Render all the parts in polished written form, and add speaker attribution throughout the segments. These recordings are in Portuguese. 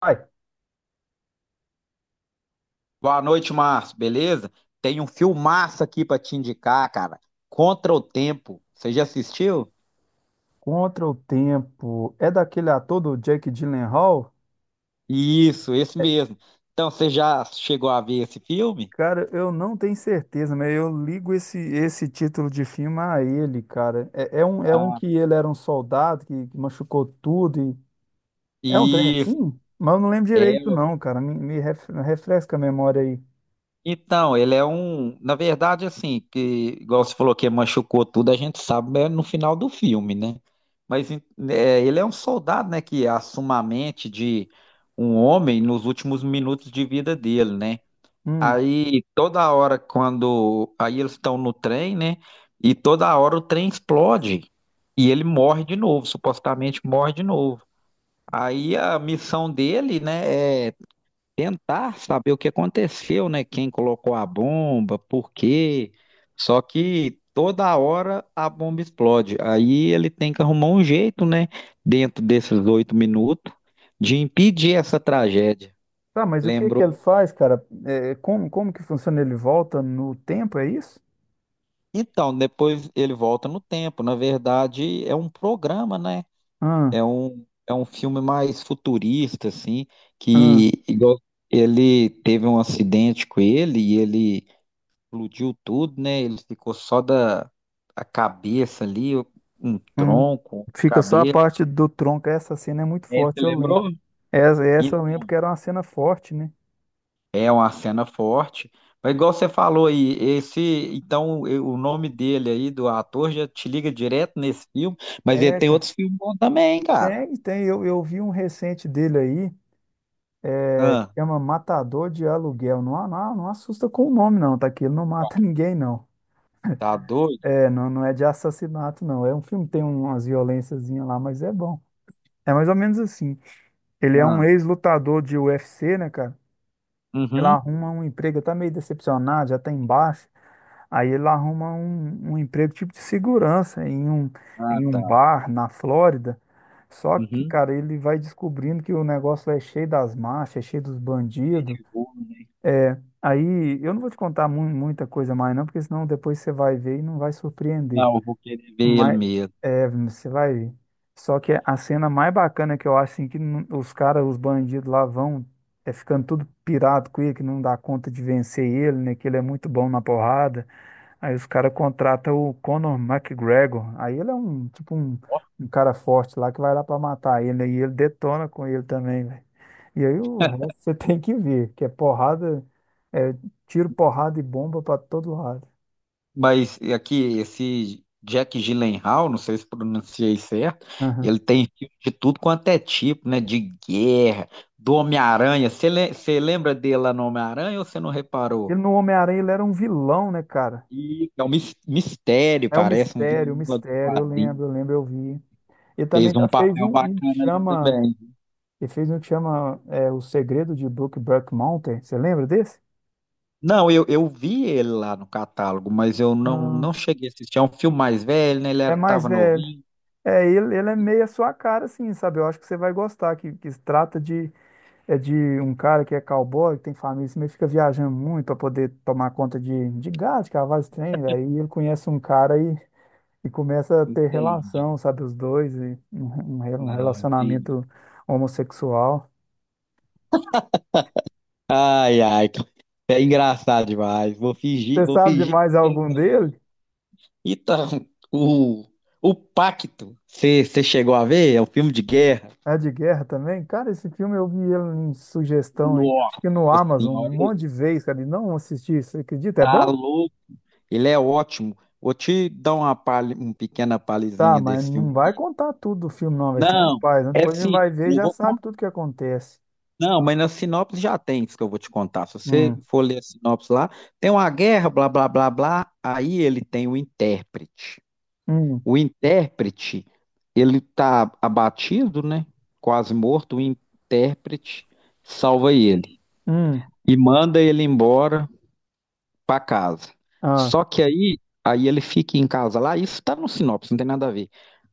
Speaker 1: Ai,
Speaker 2: Boa noite, Márcio. Beleza? Tem um filmaço aqui pra te indicar, cara. Contra o Tempo. Você já assistiu?
Speaker 1: Contra o Tempo é daquele ator do Jake Gyllenhaal?
Speaker 2: Isso, esse mesmo. Então, você já chegou a ver esse filme?
Speaker 1: Cara, eu não tenho certeza, mas eu ligo esse título de filme a ele, cara. É um
Speaker 2: Ah,
Speaker 1: que ele era um soldado que machucou tudo e... É um trem
Speaker 2: isso.
Speaker 1: assim? Mas eu não lembro
Speaker 2: É.
Speaker 1: direito não, cara. Refresca a memória aí.
Speaker 2: Então, ele é um. Na verdade, assim, que, igual você falou que machucou tudo, a gente sabe é no final do filme, né? Mas em- é, ele é um soldado, né, que assume a mente de um homem nos últimos minutos de vida dele, né?
Speaker 1: Hum.
Speaker 2: Aí toda hora quando aí eles estão no trem, né? E toda hora o trem explode e ele morre de novo, supostamente morre de novo. Aí a missão dele, né, é tentar saber o que aconteceu, né? Quem colocou a bomba, por quê? Só que toda hora a bomba explode. Aí ele tem que arrumar um jeito, né, dentro desses 8 minutos, de impedir essa tragédia.
Speaker 1: Tá, mas o que que
Speaker 2: Lembrou.
Speaker 1: ele faz, cara? É, como que funciona? Ele volta no tempo, é isso?
Speaker 2: Então, depois ele volta no tempo. Na verdade, é um programa, né?
Speaker 1: Ah,
Speaker 2: É um filme mais futurista, assim,
Speaker 1: ah.
Speaker 2: que igual, ele teve um acidente com ele e ele explodiu tudo, né? Ele ficou só da a cabeça ali, um
Speaker 1: Hum.
Speaker 2: tronco,
Speaker 1: Fica só a
Speaker 2: cabeça.
Speaker 1: parte do tronco. Essa cena é muito
Speaker 2: É, você
Speaker 1: forte, eu
Speaker 2: lembrou?
Speaker 1: lembro. Essa eu lembro que era uma cena forte, né?
Speaker 2: É uma cena forte. Mas igual você falou aí, esse, o nome dele aí do ator já te liga direto nesse filme, mas ele
Speaker 1: É,
Speaker 2: tem
Speaker 1: cara.
Speaker 2: outros filmes bons também, cara.
Speaker 1: Tem, tem. Eu vi um recente dele aí,
Speaker 2: Ah,
Speaker 1: chama Matador de Aluguel. Não, assusta com o nome, não, tá? Que ele não mata ninguém, não.
Speaker 2: tá doido?
Speaker 1: É, não, não é de assassinato, não. É um filme que tem umas violênciazinhas lá, mas é bom. É mais ou menos assim. Ele é um
Speaker 2: Ah,
Speaker 1: ex-lutador de UFC, né, cara? Ele
Speaker 2: uhum.
Speaker 1: arruma um emprego, tá meio decepcionado, já tá embaixo. Aí ele arruma um emprego tipo de segurança
Speaker 2: Ah,
Speaker 1: em
Speaker 2: tá.
Speaker 1: um bar na Flórida. Só que,
Speaker 2: Uhum.
Speaker 1: cara, ele vai descobrindo que o negócio lá é cheio das máfias, é cheio dos
Speaker 2: Cheio
Speaker 1: bandidos.
Speaker 2: de gol, né?
Speaker 1: Aí eu não vou te contar muita coisa mais, não, porque senão depois você vai ver e não vai surpreender.
Speaker 2: Não, eu vou querer ver ele
Speaker 1: Mas
Speaker 2: mesmo.
Speaker 1: é, você vai ver. Só que a cena mais bacana que eu acho assim, que não- os caras, os bandidos lá vão é ficando tudo pirado com ele, que não dá conta de vencer ele, né? Que ele é muito bom na porrada. Aí os caras contratam o Conor McGregor. Aí ele é um, tipo, um cara forte lá que vai lá pra matar ele. E ele detona com ele também, velho. E aí o resto você tem que ver, que é porrada, é tiro, porrada e bomba pra todo lado.
Speaker 2: Mas aqui, esse Jack Gyllenhaal, não sei se pronunciei certo,
Speaker 1: Aham.
Speaker 2: ele tem filme de tudo quanto é tipo, né? De guerra, do Homem-Aranha. Você lembra dele lá no Homem-Aranha ou você não reparou?
Speaker 1: Ele no Homem-Aranha, ele era um vilão, né, cara?
Speaker 2: E é um mistério,
Speaker 1: É
Speaker 2: parece, um
Speaker 1: o
Speaker 2: vilão lá do
Speaker 1: mistério, eu
Speaker 2: quadrinho.
Speaker 1: lembro, eu lembro, eu vi. Ele também
Speaker 2: Fez um
Speaker 1: já fez
Speaker 2: papel
Speaker 1: um que
Speaker 2: bacana ali
Speaker 1: chama,
Speaker 2: também.
Speaker 1: ele fez um que chama é, O Segredo de Brookback Mountain, você lembra desse?
Speaker 2: Não, eu vi ele lá no catálogo, mas eu não,
Speaker 1: Ah,
Speaker 2: não cheguei a assistir. É um filme mais velho, né? Ele
Speaker 1: é
Speaker 2: era,
Speaker 1: mais
Speaker 2: tava
Speaker 1: velho.
Speaker 2: novinho.
Speaker 1: É, ele é meio a sua cara, assim, sabe? Eu acho que você vai gostar, que se trata de, é de um cara que é cowboy, que tem família, assim, mas fica viajando muito para poder tomar conta de gado, de cavalo, esse trem. Aí ele conhece um cara e começa a ter
Speaker 2: Entendi.
Speaker 1: relação, sabe? Os dois, e um, um
Speaker 2: Não, entendi.
Speaker 1: relacionamento homossexual.
Speaker 2: Ai, ai, é engraçado demais.
Speaker 1: Você
Speaker 2: Vou
Speaker 1: sabe de
Speaker 2: fingir
Speaker 1: mais
Speaker 2: que eu não
Speaker 1: algum
Speaker 2: falei.
Speaker 1: dele?
Speaker 2: Então, o, o Pacto, você chegou a ver? É um filme de guerra.
Speaker 1: É de guerra também? Cara, esse filme eu vi ele em sugestão, aí, acho
Speaker 2: Nossa
Speaker 1: que no Amazon,
Speaker 2: senhora,
Speaker 1: um
Speaker 2: ele
Speaker 1: monte de vezes, cara, e não assisti, você acredita? É
Speaker 2: tá
Speaker 1: bom?
Speaker 2: louco. Ele é ótimo. Vou te dar uma, palha, uma pequena
Speaker 1: Tá,
Speaker 2: palhinha
Speaker 1: mas
Speaker 2: desse
Speaker 1: não
Speaker 2: filme.
Speaker 1: vai contar tudo do filme, não, velho. Senão é
Speaker 2: Não,
Speaker 1: pai, né?
Speaker 2: é
Speaker 1: Depois a gente
Speaker 2: sim,
Speaker 1: vai ver e
Speaker 2: não
Speaker 1: já
Speaker 2: vou
Speaker 1: sabe
Speaker 2: contar.
Speaker 1: tudo que acontece.
Speaker 2: Não, mas na sinopse já tem isso que eu vou te contar. Se você
Speaker 1: Hum,
Speaker 2: for ler a sinopse lá, tem uma guerra, blá, blá, blá, blá. Aí ele tem o intérprete.
Speaker 1: hum,
Speaker 2: O intérprete, ele tá abatido, né? Quase morto. O intérprete salva ele
Speaker 1: hum,
Speaker 2: e manda ele embora para casa.
Speaker 1: ah,
Speaker 2: Só que aí, aí ele fica em casa lá, isso tá no sinopse, não tem nada a ver.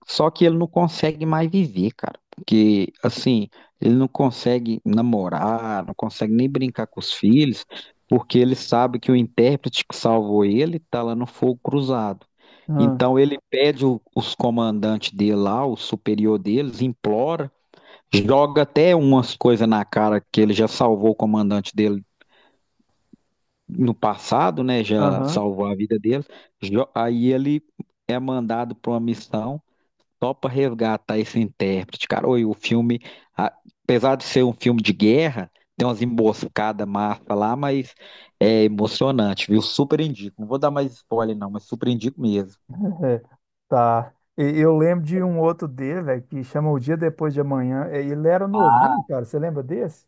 Speaker 2: Só que ele não consegue mais viver, cara. Porque, assim, ele não consegue namorar, não consegue nem brincar com os filhos, porque ele sabe que o intérprete que salvou ele tá lá no fogo cruzado.
Speaker 1: ah,
Speaker 2: Então ele pede os comandantes dele lá, o superior deles, implora, joga até umas coisas na cara que ele já salvou o comandante dele no passado, né, já
Speaker 1: aham,
Speaker 2: salvou a vida deles. Aí ele é mandado para uma missão só para resgatar esse intérprete, cara. Oi, o filme, a- apesar de ser um filme de guerra, tem umas emboscadas massa lá, mas é emocionante, viu? Super indico. Não vou dar mais spoiler não, mas super indico mesmo.
Speaker 1: é, tá. E eu lembro de um outro dele, velho, que chama O Dia Depois de Amanhã. É, ele era novinho,
Speaker 2: Ah,
Speaker 1: cara. Você lembra desse?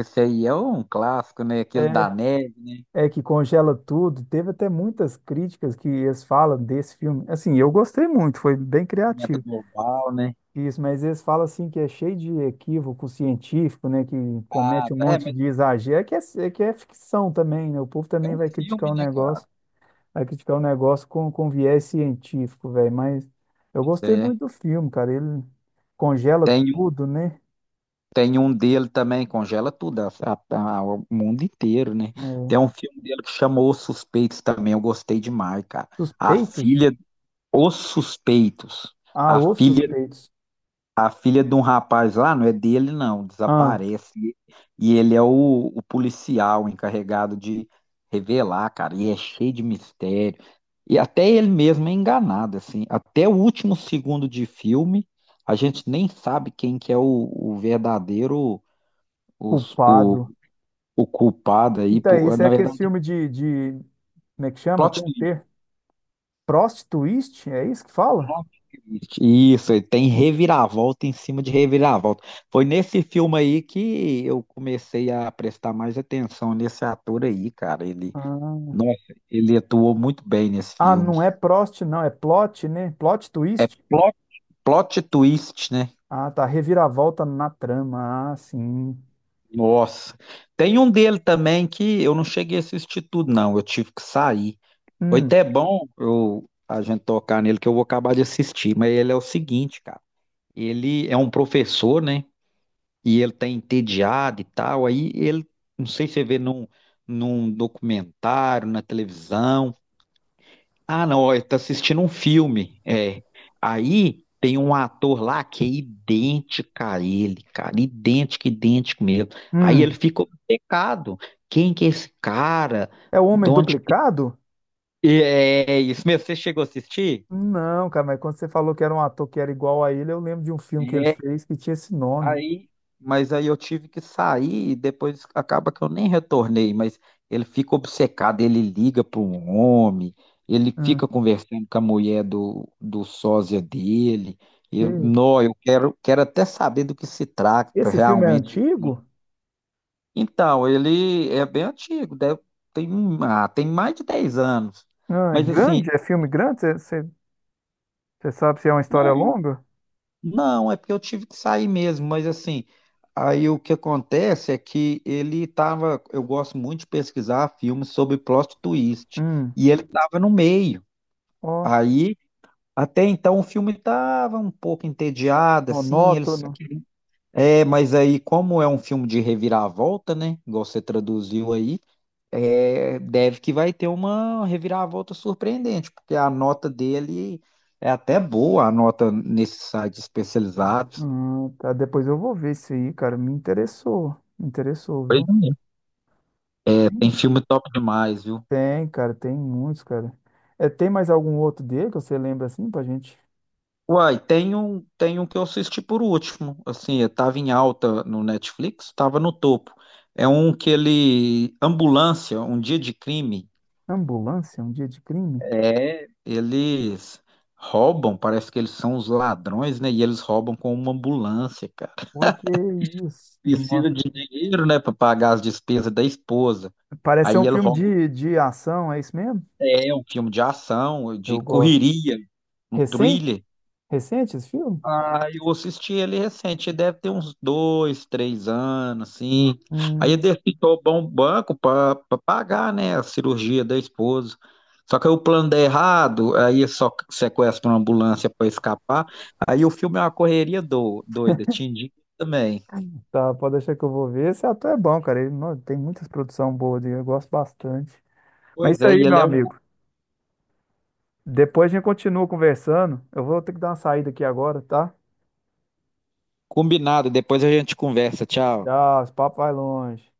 Speaker 2: esse aí é um clássico, né? Aquele da neve, né?
Speaker 1: É, é que congela tudo. Teve até muitas críticas que eles falam desse filme. Assim, eu gostei muito, foi bem
Speaker 2: Aquecimento
Speaker 1: criativo.
Speaker 2: global, né?
Speaker 1: Isso, mas eles falam assim que é cheio de equívoco científico, né? Que
Speaker 2: Ah,
Speaker 1: comete um
Speaker 2: tá. É,
Speaker 1: monte
Speaker 2: mas
Speaker 1: de exagero. É que é ficção também, né? O povo
Speaker 2: é
Speaker 1: também
Speaker 2: um
Speaker 1: vai criticar
Speaker 2: filme,
Speaker 1: o
Speaker 2: né, cara?
Speaker 1: negócio, vai criticar o negócio com viés científico, velho. Mas eu
Speaker 2: Pois
Speaker 1: gostei
Speaker 2: é.
Speaker 1: muito do filme, cara. Ele congela
Speaker 2: Tem
Speaker 1: tudo, né?
Speaker 2: Tem um dele também, congela tudo, o mundo inteiro, né?
Speaker 1: É,
Speaker 2: Tem um filme dele que chamou Os Suspeitos também, eu gostei demais, cara. A
Speaker 1: Suspeitos?
Speaker 2: filha, Os Suspeitos.
Speaker 1: Ah,
Speaker 2: A
Speaker 1: os
Speaker 2: filha,
Speaker 1: suspeitos.
Speaker 2: a filha de um rapaz lá, não é dele não,
Speaker 1: Ah,
Speaker 2: desaparece. E ele é o policial encarregado de revelar, cara. E é cheio de mistério. E até ele mesmo é enganado, assim. Até o último segundo de filme, a gente nem sabe quem que é o verdadeiro o, o,
Speaker 1: culpado.
Speaker 2: o culpado
Speaker 1: E
Speaker 2: aí,
Speaker 1: tá aí,
Speaker 2: por
Speaker 1: esse é
Speaker 2: na
Speaker 1: aquele
Speaker 2: verdade,
Speaker 1: filme de. Como é que chama? Tem
Speaker 2: plot
Speaker 1: um
Speaker 2: twist.
Speaker 1: ter. Prostituiste? É isso que fala?
Speaker 2: Isso, ele tem reviravolta em cima de reviravolta. Foi nesse filme aí que eu comecei a prestar mais atenção nesse ator aí, cara. Ele,
Speaker 1: Ah,
Speaker 2: nossa, ele atuou muito bem nesse
Speaker 1: Ah,
Speaker 2: filme.
Speaker 1: não é Prost, não, é plot, né? Plot
Speaker 2: É
Speaker 1: twist?
Speaker 2: plot, plot twist, né?
Speaker 1: Ah, tá. Reviravolta na trama. Ah, sim.
Speaker 2: Nossa. Tem um dele também que eu não cheguei a assistir tudo, não. Eu tive que sair. Foi
Speaker 1: Hum,
Speaker 2: até bom eu, a gente tocar nele, que eu vou acabar de assistir. Mas ele é o seguinte, cara. Ele é um professor, né? E ele tá entediado e tal. Aí ele, não sei se você vê num, num documentário, na televisão. Ah, não, ele tá assistindo um filme. É. Aí tem um ator lá que é idêntico a ele, cara. Idêntico, idêntico mesmo. Aí ele
Speaker 1: hum.
Speaker 2: fica obcecado. Quem que é esse cara?
Speaker 1: É o
Speaker 2: De
Speaker 1: Homem
Speaker 2: onde que...
Speaker 1: Duplicado?
Speaker 2: É, isso mesmo. Você chegou a assistir?
Speaker 1: Não, cara, mas quando você falou que era um ator que era igual a ele, eu lembro de um filme que ele fez que tinha esse nome.
Speaker 2: Aí, mas aí eu tive que sair e depois acaba que eu nem retornei, mas ele fica obcecado, ele liga para um homem, ele
Speaker 1: Hum,
Speaker 2: fica conversando com a mulher do sósia dele. Eu,
Speaker 1: que-
Speaker 2: não, eu quero, quero até saber do que se trata
Speaker 1: Esse filme é
Speaker 2: realmente.
Speaker 1: antigo?
Speaker 2: Então, ele é bem antigo, deve, tem, ah, tem mais de 10 anos.
Speaker 1: Ah, é
Speaker 2: Mas assim,
Speaker 1: grande? É filme grande? Você sabe se é uma história longa?
Speaker 2: não, é porque eu tive que sair mesmo, mas assim, aí o que acontece é que ele tava, eu gosto muito de pesquisar filmes sobre plot twist,
Speaker 1: Hum,
Speaker 2: e ele tava no meio.
Speaker 1: ó,
Speaker 2: Aí, até então o filme tava um pouco entediado, assim, ele
Speaker 1: monótono.
Speaker 2: é, mas aí como é um filme de reviravolta, né, igual você traduziu aí, é, deve que vai ter uma reviravolta surpreendente, porque a nota dele é até boa, a nota nesses sites especializados.
Speaker 1: Tá, depois eu vou ver isso aí, cara. Me interessou. Me interessou,
Speaker 2: Pois
Speaker 1: viu?
Speaker 2: é. Tem filme top demais, viu?
Speaker 1: Tem, cara, tem muitos, cara. É, tem mais algum outro dele que você lembra assim pra gente?
Speaker 2: Uai, tem um que eu assisti por último. Assim, eu tava em alta no Netflix, tava no topo. É um que ele. Ambulância, um dia de crime.
Speaker 1: Ambulância, um dia de crime?
Speaker 2: É, eles roubam, parece que eles são os ladrões, né? E eles roubam com uma ambulância, cara.
Speaker 1: Pô, que isso? Nó-
Speaker 2: Precisa de dinheiro, né, pra pagar as despesas da esposa.
Speaker 1: parece ser
Speaker 2: Aí
Speaker 1: um
Speaker 2: ele
Speaker 1: filme
Speaker 2: rouba.
Speaker 1: de ação, é isso mesmo?
Speaker 2: É um filme de ação, de
Speaker 1: Eu gosto.
Speaker 2: correria, um
Speaker 1: Recente?
Speaker 2: thriller.
Speaker 1: Recente esse filme?
Speaker 2: Ah, eu assisti ele recente, deve ter uns dois, três anos, assim. Aí ele
Speaker 1: Hum,
Speaker 2: depositou bom banco para pagar, né, a cirurgia da esposa. Só que aí o plano dá errado, aí é só sequestra uma ambulância para escapar. Aí o filme é uma correria do, doida, te indico também.
Speaker 1: tá, pode deixar que eu vou ver. Esse ator é bom, cara. Ele, nó, tem muitas produções boas dele, eu gosto bastante. Mas é
Speaker 2: Pois
Speaker 1: isso
Speaker 2: é,
Speaker 1: aí,
Speaker 2: e
Speaker 1: meu
Speaker 2: ele é um
Speaker 1: amigo. Depois a gente continua conversando. Eu vou ter que dar uma saída aqui agora, tá?
Speaker 2: combinado. Depois a gente conversa. Tchau.
Speaker 1: Tchau, esse papo vai longe.